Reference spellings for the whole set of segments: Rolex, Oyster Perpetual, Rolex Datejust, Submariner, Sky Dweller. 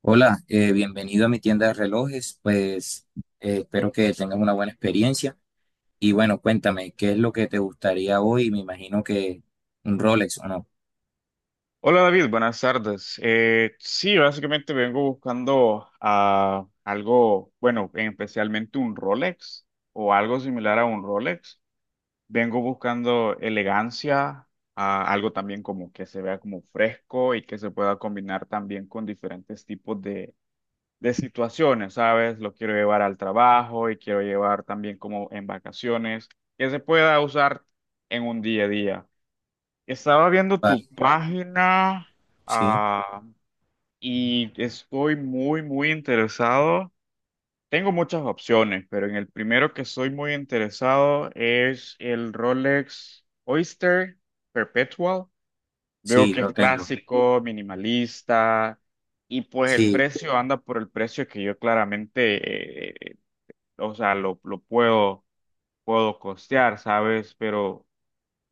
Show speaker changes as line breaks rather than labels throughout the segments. Hola, bienvenido a mi tienda de relojes. Pues espero que tengas una buena experiencia. Y bueno, cuéntame, ¿qué es lo que te gustaría hoy? Me imagino que un Rolex o no.
Hola David, buenas tardes. Sí, básicamente vengo buscando algo, bueno, especialmente un Rolex o algo similar a un Rolex. Vengo buscando elegancia, algo también como que se vea como fresco y que se pueda combinar también con diferentes tipos de situaciones, ¿sabes? Lo quiero llevar al trabajo y quiero llevar también como en vacaciones, que se pueda usar en un día a día. Estaba viendo
Vale,
tu página,
sí,
ah, y estoy muy, muy interesado. Tengo muchas opciones, pero en el primero que estoy muy interesado es el Rolex Oyster Perpetual. Veo
sí,
que
lo
es
tengo.
clásico, minimalista, y pues el
Sí,
precio anda por el precio que yo claramente, o sea, lo puedo costear, ¿sabes? Pero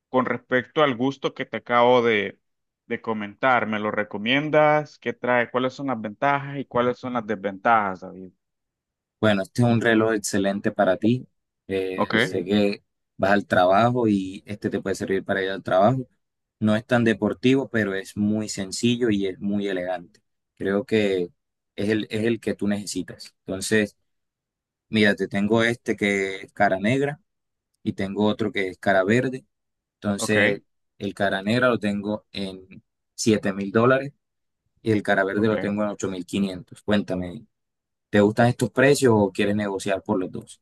con respecto al gusto que te acabo de comentar, ¿me lo recomiendas? ¿Qué trae? ¿Cuáles son las ventajas y cuáles son las desventajas, David?
bueno, este es un reloj excelente para ti.
Ok.
Sé que vas al trabajo y este te puede servir para ir al trabajo. No es tan deportivo, pero es muy sencillo y es muy elegante. Creo que es el que tú necesitas. Entonces. Mira, te tengo este que es cara negra y tengo otro que es cara verde.
Ok,
Entonces, el cara negra lo tengo en $7,000 y el cara verde
ok.
lo tengo en 8,500. Cuéntame, ¿te gustan estos precios o quieres negociar por los dos?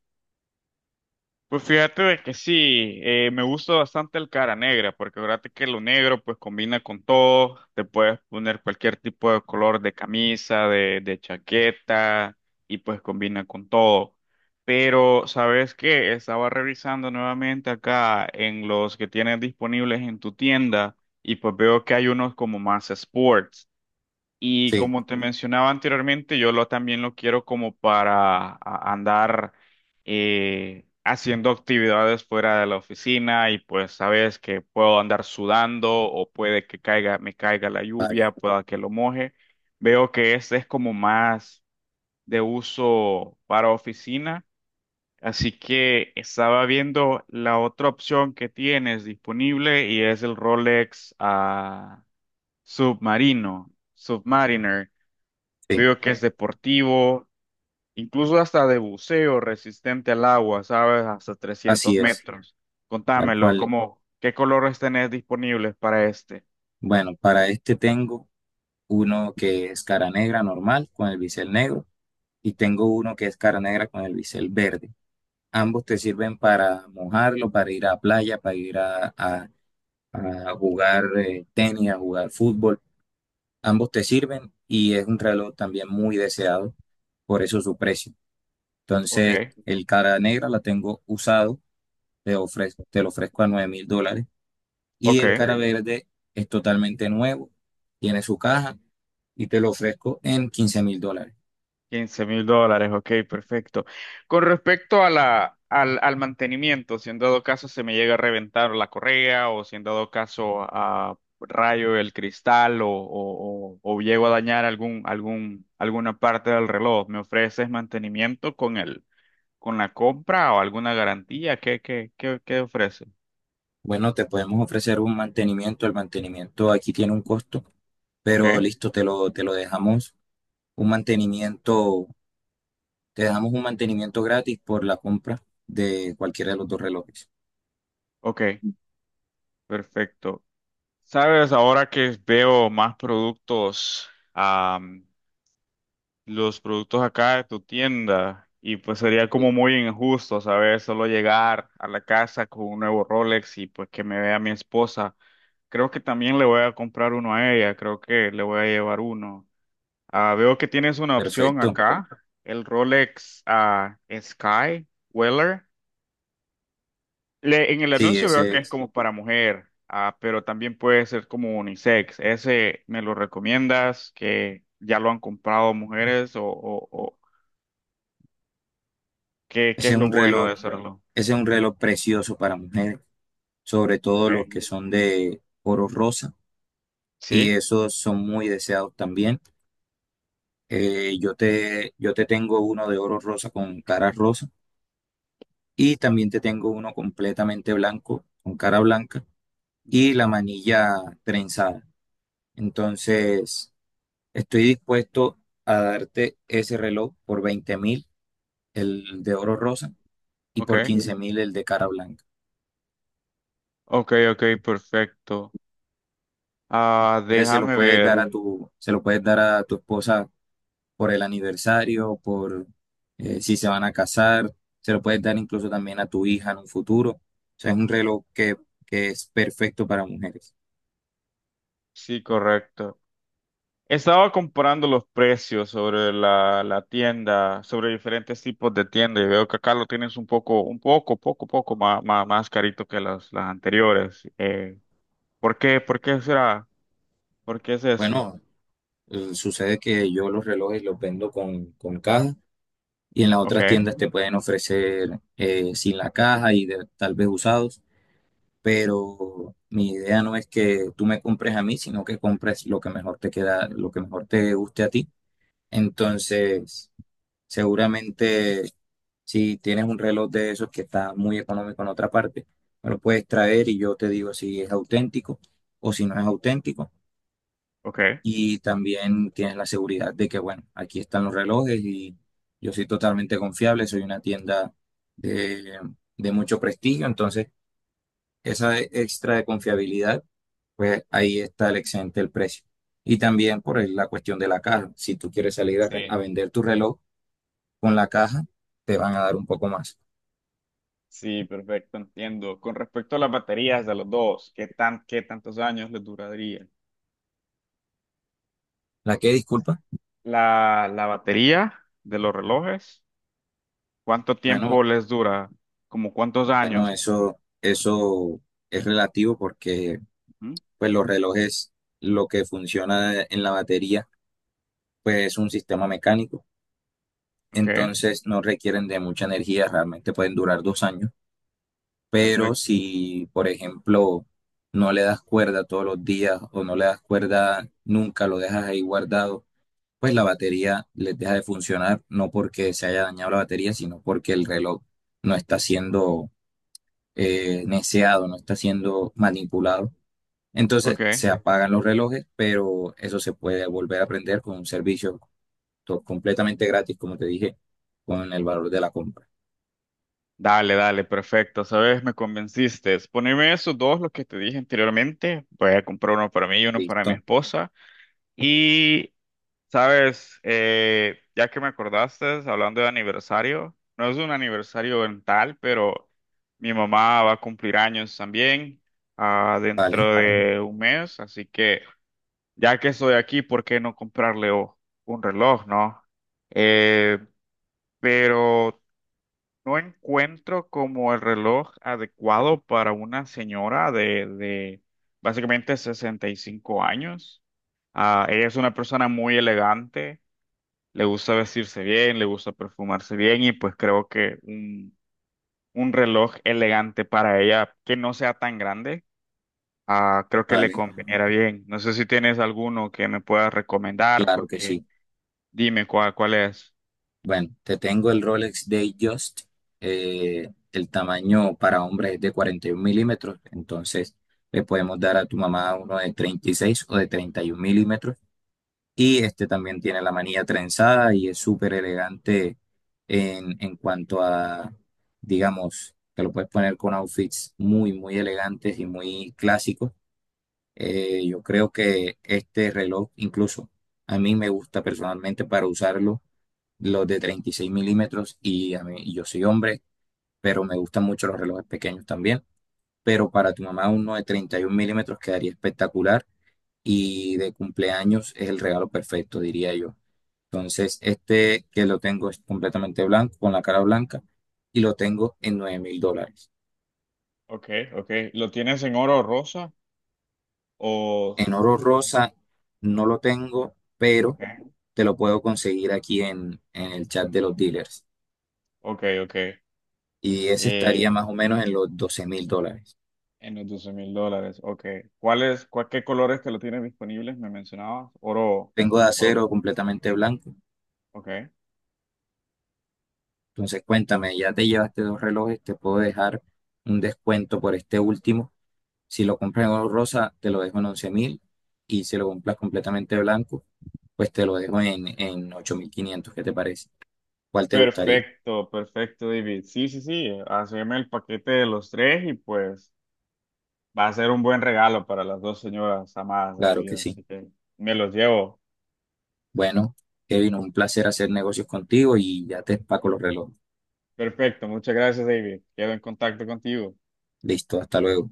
Pues fíjate de que sí, me gusta bastante el cara negra, porque fíjate que lo negro pues combina con todo, te puedes poner cualquier tipo de color de camisa, de chaqueta, y pues combina con todo. Pero, ¿sabes qué? Estaba revisando nuevamente acá en los que tienes disponibles en tu tienda, y pues veo que hay unos como más sports. Y
Sí,
como te mencionaba anteriormente, yo lo, también lo quiero como para andar haciendo actividades fuera de la oficina y pues sabes que puedo andar sudando o puede que me caiga la
vale,
lluvia, pueda que lo moje. Veo que este es como más de uso para oficina, así que estaba viendo la otra opción que tienes disponible y es el Rolex Submariner.
sí,
Veo que es deportivo, incluso hasta de buceo, resistente al agua, ¿sabes? Hasta trescientos
así es,
metros.
tal
Contámelo,
cual.
¿ qué colores tenés disponibles para este?
Bueno, para este tengo uno que es cara negra normal con el bisel negro y tengo uno que es cara negra con el bisel verde. Ambos te sirven para mojarlo, para ir a playa, para ir a a jugar tenis, a jugar fútbol. Ambos te sirven y es un reloj también muy deseado, por eso su precio.
Ok,
Entonces, el cara negra la tengo usado, te lo ofrezco a $9,000 y el
ok.
cara, ok, verde es totalmente nuevo, tiene su caja y te lo ofrezco en $15,000.
$15,000, ok, perfecto. Con respecto a al mantenimiento, si en dado caso se me llega a reventar la correa o si en dado caso a rayo el cristal o llego a dañar alguna parte del reloj, ¿me ofreces mantenimiento con la compra o alguna garantía? ¿Qué ofrece?
Bueno, te podemos ofrecer un mantenimiento, el mantenimiento aquí tiene un costo, pero
Ok,
listo, te lo dejamos. Un mantenimiento Te damos un mantenimiento gratis por la compra de cualquiera de los dos relojes.
ok, perfecto. Sabes, ahora que veo más productos, los productos acá de tu tienda, y pues sería
Sí.
como muy injusto, ¿sabes? Solo llegar a la casa con un nuevo Rolex y pues que me vea mi esposa. Creo que también le voy a comprar uno a ella, creo que le voy a llevar uno. Veo que tienes una opción
Perfecto.
acá, el Rolex Sky Weller. En el
Sí,
anuncio veo que es como para mujer, pero también puede ser como unisex. ¿Ese me lo recomiendas? ¿Que ya lo han comprado mujeres o qué
ese
es
es
lo
un
bueno
reloj,
de hacerlo?
ese es un reloj precioso para mujeres, sobre todo
Okay.
los que son de oro rosa, y
¿Sí?
esos son muy deseados también. Yo te tengo uno de oro rosa con cara rosa, y también te tengo uno completamente blanco, con cara blanca, y
Ujú.
la manilla trenzada. Entonces, estoy dispuesto a darte ese reloj por 20,000, el de oro rosa, y por
Ok,
15,000 el de cara blanca.
ok, ok, perfecto.
Ese se lo
Déjame
puedes dar a
ver.
tu, se lo puedes dar a tu esposa por el aniversario, por si se van a casar, se lo puedes dar incluso también a tu hija en un futuro. O sea, es un reloj que es perfecto para mujeres.
Sí, correcto. Estaba comparando los precios sobre la tienda, sobre diferentes tipos de tienda y veo que acá lo tienes un poco más carito que las anteriores. ¿Por qué? ¿Por qué será? ¿Por qué es eso?
Bueno, sucede que yo los relojes los vendo con caja y en las
Ok,
otras tiendas te pueden ofrecer sin la caja y tal vez usados. Pero mi idea no es que tú me compres a mí, sino que compres lo que mejor te queda, lo que mejor te guste a ti. Entonces, seguramente si tienes un reloj de esos que está muy económico en otra parte, me lo puedes traer y yo te digo si es auténtico o si no es auténtico.
ok.
Y también tienes la seguridad de que, bueno, aquí están los relojes y yo soy totalmente confiable, soy una tienda de, de mucho prestigio, entonces esa extra de confiabilidad, pues ahí está el excedente del precio. Y también por la cuestión de la caja. Si tú quieres salir a, a vender tu reloj con la caja, te van a dar un poco más.
Sí, perfecto, entiendo. Con respecto a las baterías de los dos, ¿qué tantos años les duraría?
¿La que disculpa?
La batería de los relojes, ¿cuánto tiempo
Bueno,
les dura? ¿Como cuántos
bueno,
años?
eso es relativo porque
Ujú.
pues los relojes, lo que funciona en la batería, pues es un sistema mecánico.
Ok,
Entonces no requieren de mucha energía, realmente pueden durar 2 años. Pero
perfecto.
si, por ejemplo, no le das cuerda todos los días o no le das cuerda nunca, lo dejas ahí guardado, pues la batería les deja de funcionar, no porque se haya dañado la batería, sino porque el reloj no está siendo neceado, no está siendo manipulado. Entonces
Ok.
se apagan los relojes, pero eso se puede volver a prender con un servicio completamente gratis, como te dije, con el valor de la compra.
Dale, dale, perfecto. Sabes, me convenciste. Poneme esos dos, los que te dije anteriormente. Voy a comprar uno para mí y uno para mi
¿Listo?
esposa. Y, sabes, ya que me acordaste, hablando de aniversario, no es un aniversario en tal, pero mi mamá va a cumplir años también,
Vale,
dentro de un mes. Así que, ya que estoy aquí, ¿por qué no comprarle un reloj, no? Eh, pero. No encuentro como el reloj adecuado para una señora de básicamente 65 años. Ella es una persona muy elegante, le gusta vestirse bien, le gusta perfumarse bien y pues creo que un reloj elegante para ella que no sea tan grande, creo que le
vale,
conveniera bien. No sé si tienes alguno que me puedas recomendar
claro que
porque
sí.
dime cuál es.
Bueno, te tengo el Rolex Datejust. Eh, el tamaño para hombres es de 41 mm, entonces le podemos dar a tu mamá uno de 36 o de 31 mm. Y este también tiene la manilla trenzada y es súper elegante en cuanto a, digamos, que lo puedes poner con outfits muy, muy elegantes y muy clásicos. Yo creo que este reloj incluso a mí me gusta personalmente para usarlo los de 36 mm y a mí, y yo soy hombre, pero me gustan mucho los relojes pequeños también. Pero para tu mamá uno de 31 mm quedaría espectacular y de cumpleaños es el regalo perfecto, diría yo. Entonces, este que lo tengo es completamente blanco, con la cara blanca, y lo tengo en $9,000.
Ok, ok. ¿Lo tienes en oro rosa o?
En oro rosa no lo tengo,
Ok.
pero te lo puedo conseguir aquí en el chat de los dealers.
Ok, ok.
Y ese estaría
Eh,
más o menos en los $12,000.
en los $12,000, ok. ¿Qué colores que lo tienes disponibles? Me mencionabas. Oro.
Tengo de
Oro.
acero completamente blanco.
Ok.
Entonces, cuéntame, ya te llevaste dos relojes, te puedo dejar un descuento por este último. Si lo compras en oro rosa, te lo dejo en 11,000. Y si lo compras completamente blanco, pues te lo dejo en 8,500. ¿Qué te parece? ¿Cuál te gustaría?
Perfecto, perfecto, David. Sí, sí, sí. Haceme el paquete de los tres y pues va a ser un buen regalo para las dos señoras amadas de mi
Claro que
vida.
sí.
Así que me los llevo.
Bueno, Kevin, un placer hacer negocios contigo y ya te empaco los relojes.
Perfecto, muchas gracias, David. Quedo en contacto contigo.
Listo, hasta luego.